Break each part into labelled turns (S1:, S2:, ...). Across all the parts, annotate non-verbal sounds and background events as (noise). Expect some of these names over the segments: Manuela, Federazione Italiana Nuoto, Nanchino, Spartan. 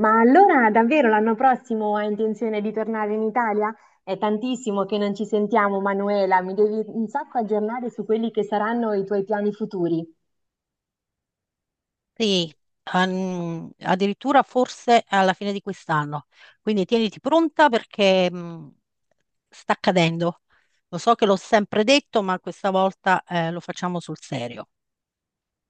S1: Ma allora davvero l'anno prossimo hai intenzione di tornare in Italia? È tantissimo che non ci sentiamo, Manuela, mi devi un sacco aggiornare su quelli che saranno i tuoi piani futuri.
S2: Sì, addirittura forse alla fine di quest'anno. Quindi tieniti pronta perché sta accadendo. Lo so che l'ho sempre detto, ma questa volta lo facciamo sul serio.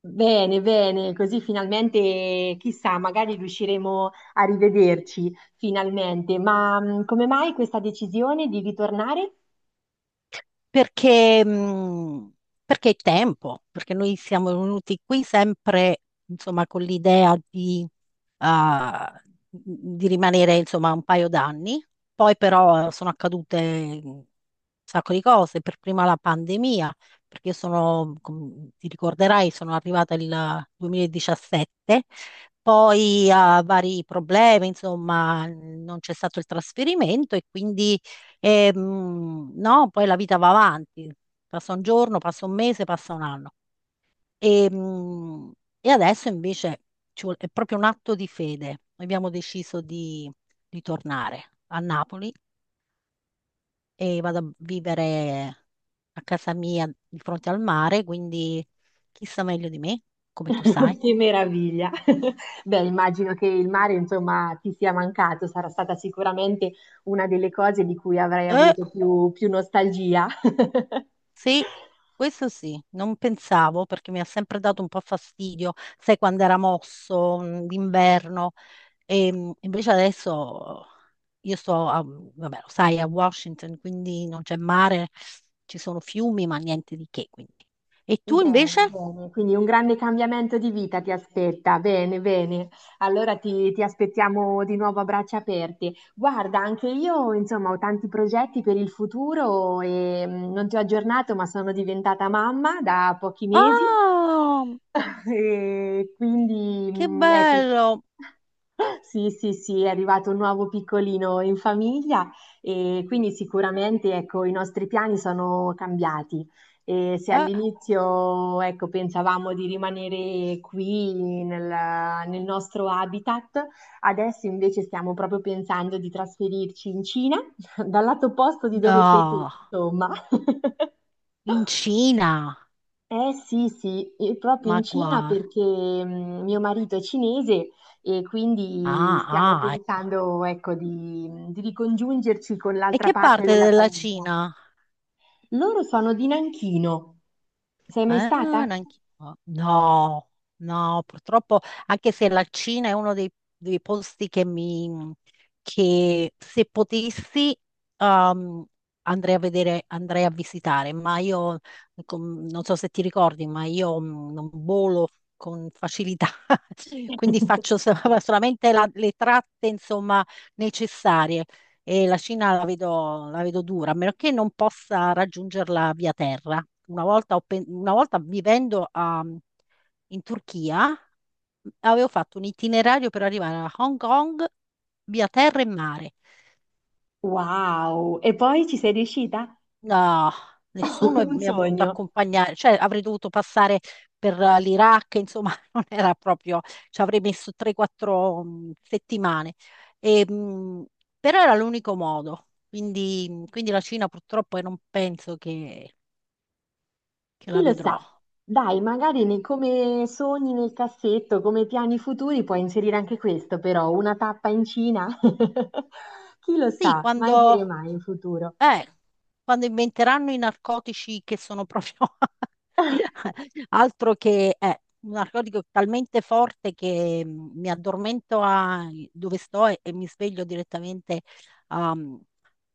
S1: Bene, bene, così finalmente, chissà, magari riusciremo a rivederci finalmente. Ma come mai questa decisione di ritornare?
S2: perché, mh, perché è tempo, perché noi siamo venuti qui sempre, insomma, con l'idea ah, di rimanere, insomma, un paio d'anni. Poi però sono accadute un sacco di cose, per prima la pandemia, perché io sono, come ti ricorderai, sono arrivata il 2017, poi a vari problemi, insomma, non c'è stato il trasferimento e quindi no, poi la vita va avanti, passa un giorno, passa un mese, passa un anno. E, mh, e adesso invece è proprio un atto di fede. Abbiamo deciso di tornare a Napoli e vado a vivere a casa mia di fronte al mare, quindi chi sa meglio di me, come tu sai.
S1: (laughs) Che meraviglia! (laughs) Beh, immagino che il mare, insomma, ti sia mancato, sarà stata sicuramente una delle cose di cui avrai
S2: Eh,
S1: avuto più nostalgia. (laughs)
S2: sì, questo sì, non pensavo perché mi ha sempre dato un po' fastidio, sai quando era mosso, d'inverno. E invece adesso io sto a, vabbè, lo sai, a Washington, quindi non c'è mare, ci sono fiumi, ma niente di che, quindi. E tu invece?
S1: Bene, bene, quindi un grande cambiamento di vita ti aspetta. Bene, bene. Allora ti aspettiamo di nuovo a braccia aperte. Guarda, anche io, insomma, ho tanti progetti per il futuro e non ti ho aggiornato, ma sono diventata mamma da pochi mesi.
S2: Ah,
S1: (laughs) E quindi,
S2: che
S1: ecco.
S2: bello!
S1: Sì, sì, sì, è arrivato un nuovo piccolino in famiglia e quindi sicuramente, ecco, i nostri piani sono cambiati. E se
S2: Eh,
S1: all'inizio, ecco, pensavamo di rimanere qui nel, nel nostro habitat, adesso invece stiamo proprio pensando di trasferirci in Cina, (laughs) dal lato opposto di dove sei tu,
S2: no,
S1: insomma. (laughs)
S2: in Cina,
S1: Eh sì, sì, e proprio
S2: ma
S1: in Cina
S2: guarda.
S1: perché mio marito è cinese e quindi
S2: Ah,
S1: stiamo
S2: ah, ecco.
S1: pensando, ecco, di ricongiungerci con
S2: E
S1: l'altra
S2: che
S1: parte
S2: parte
S1: della
S2: della
S1: famiglia.
S2: Cina?
S1: Loro sono di Nanchino. Sei mai
S2: Ah,
S1: stata?
S2: neanche- no, no, purtroppo, anche se la Cina è uno dei posti che se potessi, um, andrei a vedere, andrei a visitare, ma io, non so se ti ricordi, ma io non volo con facilità, (laughs) quindi faccio (laughs) solamente le tratte, insomma, necessarie. E la Cina la vedo dura, a meno che non possa raggiungerla via terra una volta vivendo in Turchia, avevo fatto un itinerario per arrivare a Hong Kong via terra e mare.
S1: Wow! E poi ci sei riuscita?
S2: No, nessuno
S1: (laughs) Un
S2: mi ha voluto
S1: sogno.
S2: accompagnare, cioè avrei dovuto passare per l'Iraq, insomma, (laughs) non era proprio, ci avrei messo 3-4 settimane. E, però era l'unico modo, quindi la Cina purtroppo io non penso che
S1: Chi
S2: la
S1: lo sa?
S2: vedrò.
S1: Dai, magari nei- come sogni nel cassetto, come piani futuri, puoi inserire anche questo, però una tappa in Cina. (laughs) Chi lo
S2: Sì,
S1: sa? Mai dire mai in futuro.
S2: Eh, quando inventeranno i narcotici che sono proprio (laughs) altro che un narcotico talmente forte che mi addormento a dove sto e mi sveglio direttamente um,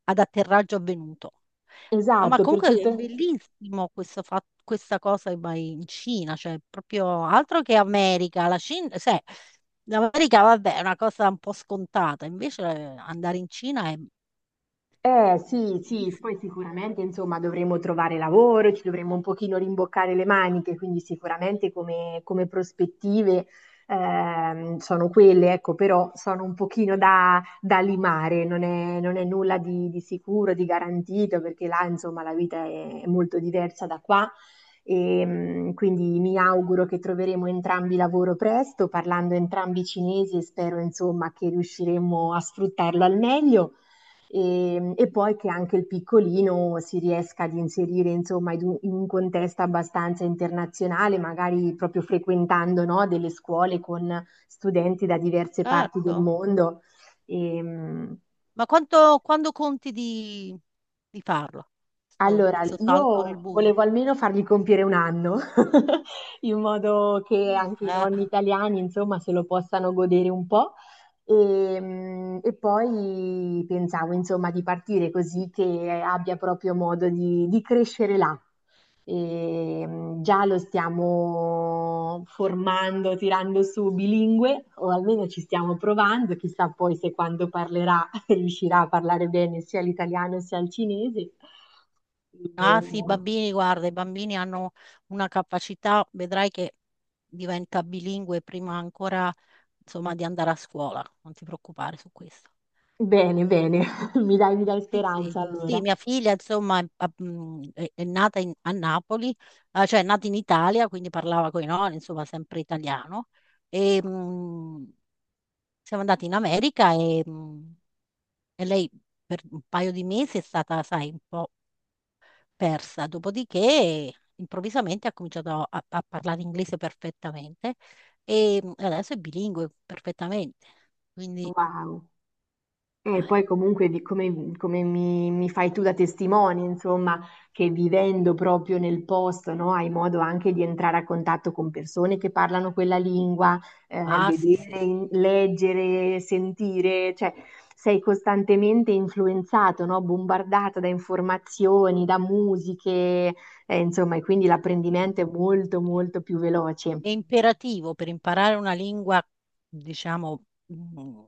S2: ad atterraggio avvenuto. Ah, ma
S1: Esatto, per
S2: comunque è
S1: tutto.
S2: bellissimo questa cosa che vai in Cina, cioè proprio altro che America, la Cina, sai, l'America vabbè è una cosa un po' scontata, invece andare in Cina è
S1: Eh sì, sì, poi
S2: bellissimo,
S1: sicuramente insomma dovremo trovare lavoro, ci dovremo un pochino rimboccare le maniche, quindi sicuramente come prospettive sono quelle, ecco, però sono un pochino da limare, non è nulla di sicuro, di garantito, perché là insomma la vita è molto diversa da qua. E, quindi mi auguro che troveremo entrambi lavoro presto, parlando entrambi cinesi e spero insomma che riusciremo a sfruttarlo al meglio e poi che anche il piccolino si riesca ad inserire insomma in in un contesto abbastanza internazionale, magari proprio frequentando no, delle scuole con studenti da diverse parti del
S2: certo.
S1: mondo. E,
S2: Ma quando conti di farlo? Sto,
S1: allora,
S2: sto salto nel
S1: io
S2: buio.
S1: volevo almeno fargli compiere un anno. (laughs) In modo che anche i
S2: Ah,
S1: nonni italiani, insomma, se lo possano godere un po'. E poi pensavo, insomma, di partire così che abbia proprio modo di crescere là. Già lo stiamo formando, tirando su bilingue, o almeno ci stiamo provando, chissà poi se quando parlerà (laughs) riuscirà a parlare bene sia l'italiano sia il cinese. E,
S2: Ah sì, i
S1: mm,
S2: bambini, guarda, i bambini hanno una capacità, vedrai che diventa bilingue prima ancora, insomma, di andare a scuola. Non ti preoccupare su questo.
S1: bene, bene, (laughs) mi dai
S2: Sì,
S1: speranza
S2: sì, sì,
S1: allora.
S2: mia figlia, insomma, è nata a Napoli, cioè è nata in Italia, quindi parlava con i nonni, insomma, sempre italiano. E, Siamo andati in America e lei per un paio di mesi è stata, sai, un po' persa. Dopodiché, improvvisamente ha cominciato a parlare inglese perfettamente e adesso è bilingue perfettamente. Quindi,
S1: Wow. E
S2: eh,
S1: poi comunque di come mi fai tu da testimone, insomma, che vivendo proprio nel posto, no, hai modo anche di entrare a contatto con persone che parlano quella lingua,
S2: sì, sì,
S1: vedere,
S2: sì.
S1: in- leggere, sentire, cioè sei costantemente influenzato, no, bombardato da informazioni, da musiche, insomma, e quindi
S2: Sì.
S1: l'apprendimento è molto più veloce.
S2: È imperativo per imparare una lingua, diciamo, mm,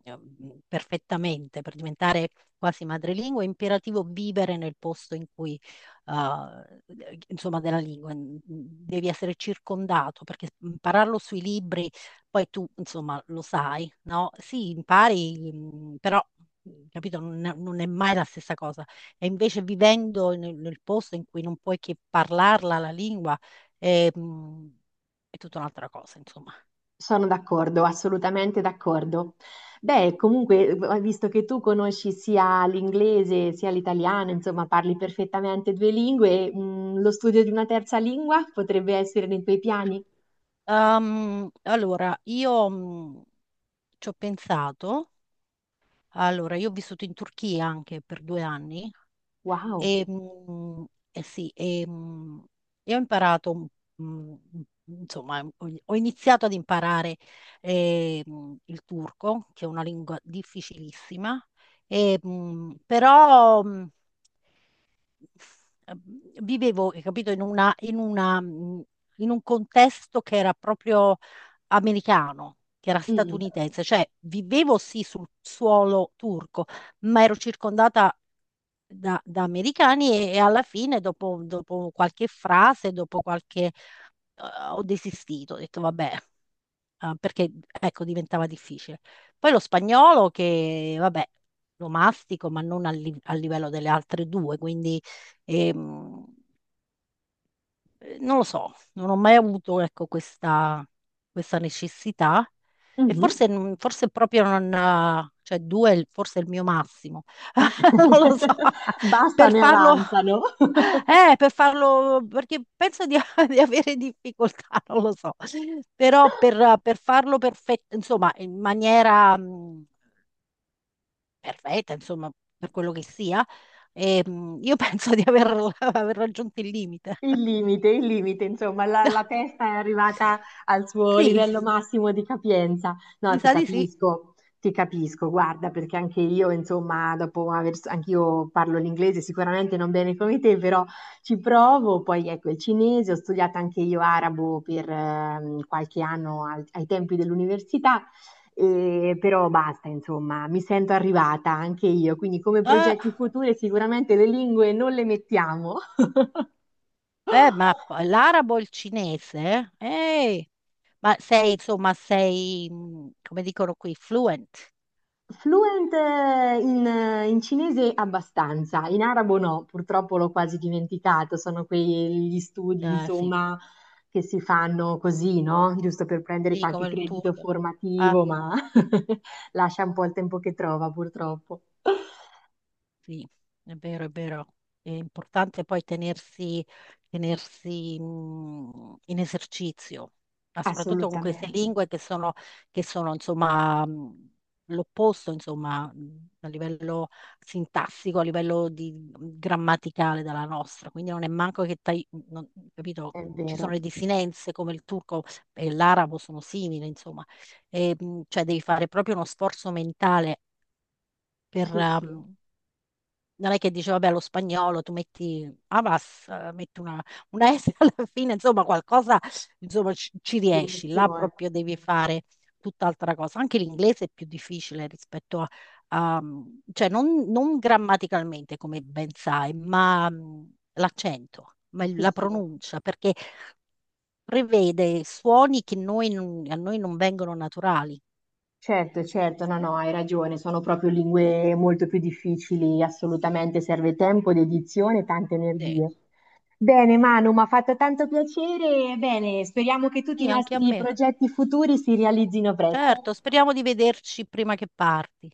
S2: perfettamente, per diventare quasi madrelingua, è imperativo vivere nel posto in cui, eh, insomma, della lingua. Devi essere circondato, perché impararlo sui libri, poi tu, insomma, lo sai, no? Sì, impari, però. Capito? Non è mai la stessa cosa. E invece vivendo nel posto in cui non puoi che parlarla la lingua, eh, mh, è tutta un'altra cosa, insomma.
S1: Sono d'accordo, assolutamente d'accordo. Beh, comunque, visto che tu conosci sia l'inglese sia l'italiano, insomma, parli perfettamente due lingue, lo studio di una terza lingua potrebbe essere nei tuoi piani?
S2: Allora, io ci ho pensato, allora, io ho vissuto in Turchia anche per 2 anni
S1: Wow.
S2: e, eh sì, e ho imparato, mh, insomma, ho iniziato ad imparare il turco, che è una lingua difficilissima, e, però vivevo, hai capito, in un contesto che era proprio americano, che era
S1: Mm.
S2: statunitense, cioè vivevo sì sul suolo turco, ma ero circondata da americani e alla fine, dopo qualche frase, ho desistito, ho detto vabbè, perché ecco, diventava difficile. Poi lo spagnolo che, vabbè, lo mastico, ma non al livello delle altre due, quindi, ehm, non lo so, non ho mai avuto, ecco, questa necessità e
S1: Mhm.
S2: forse, forse proprio non, cioè due è forse è il mio massimo, (laughs) non lo so,
S1: (laughs)
S2: per
S1: Bastano e
S2: farlo,
S1: avanzano. (laughs)
S2: per farlo, perché penso (laughs) di avere difficoltà, non lo so, però per farlo perfetto, insomma, in maniera perfetta, insomma, per quello che sia, io (laughs) penso di aver (laughs) aver raggiunto il limite.
S1: Il limite, insomma, la
S2: (laughs)
S1: testa è arrivata al suo
S2: Sì.
S1: livello massimo di capienza. No,
S2: Mi sa di sì.
S1: ti capisco, guarda, perché anche io, insomma, dopo aver, anch'io parlo l'inglese sicuramente non bene come te, però ci provo. Poi ecco il cinese, ho studiato anche io arabo per qualche anno al- ai tempi dell'università. E- però basta, insomma, mi sento arrivata anche io, quindi come
S2: Eh,
S1: progetti futuri sicuramente le lingue non le mettiamo. (laughs)
S2: ma l'arabo e il cinese? Ehi, ma sei, insomma, come dicono qui, fluent.
S1: Fluent in, in cinese abbastanza, in arabo no, purtroppo l'ho quasi dimenticato, sono quegli studi,
S2: Sì,
S1: insomma, che si fanno così, no? Giusto per prendere
S2: sì,
S1: qualche
S2: come il
S1: credito
S2: turco. Ah.
S1: formativo, ma (laughs) lascia un po' il tempo che trova, purtroppo.
S2: Sì, è vero, è vero. È importante poi tenersi, in esercizio, ma soprattutto con queste
S1: Assolutamente,
S2: lingue che sono, insomma, l'opposto, insomma, a livello sintassico, a livello grammaticale della nostra. Quindi non è manco che, capito,
S1: è
S2: ci sono
S1: vero.
S2: le desinenze come il turco e l'arabo sono simili, insomma. E, cioè devi fare proprio uno sforzo mentale per,
S1: Sì, sì,
S2: mhmm, non è che dice, vabbè, lo spagnolo, tu metti Avas, metti una S (laughs) alla fine, insomma, qualcosa, insomma, ci
S1: viene
S2: riesci, là
S1: fuori.
S2: proprio devi fare tutt'altra cosa. Anche l'inglese è più difficile rispetto a, a- mm, cioè non grammaticalmente, come ben sai, ma l'accento, ma
S1: Sì,
S2: la
S1: sì.
S2: pronuncia, perché prevede suoni che noi non- a noi non vengono naturali.
S1: Certo, certo, no, no, hai ragione, sono proprio lingue molto più difficili, assolutamente serve tempo, dedizione e tante
S2: Sì,
S1: energie. Bene, Manu, mi ha fatto tanto piacere, bene, speriamo che tutti i
S2: sì, anche a
S1: nostri
S2: me.
S1: progetti futuri si realizzino presto.
S2: Certo, speriamo di vederci prima che parti.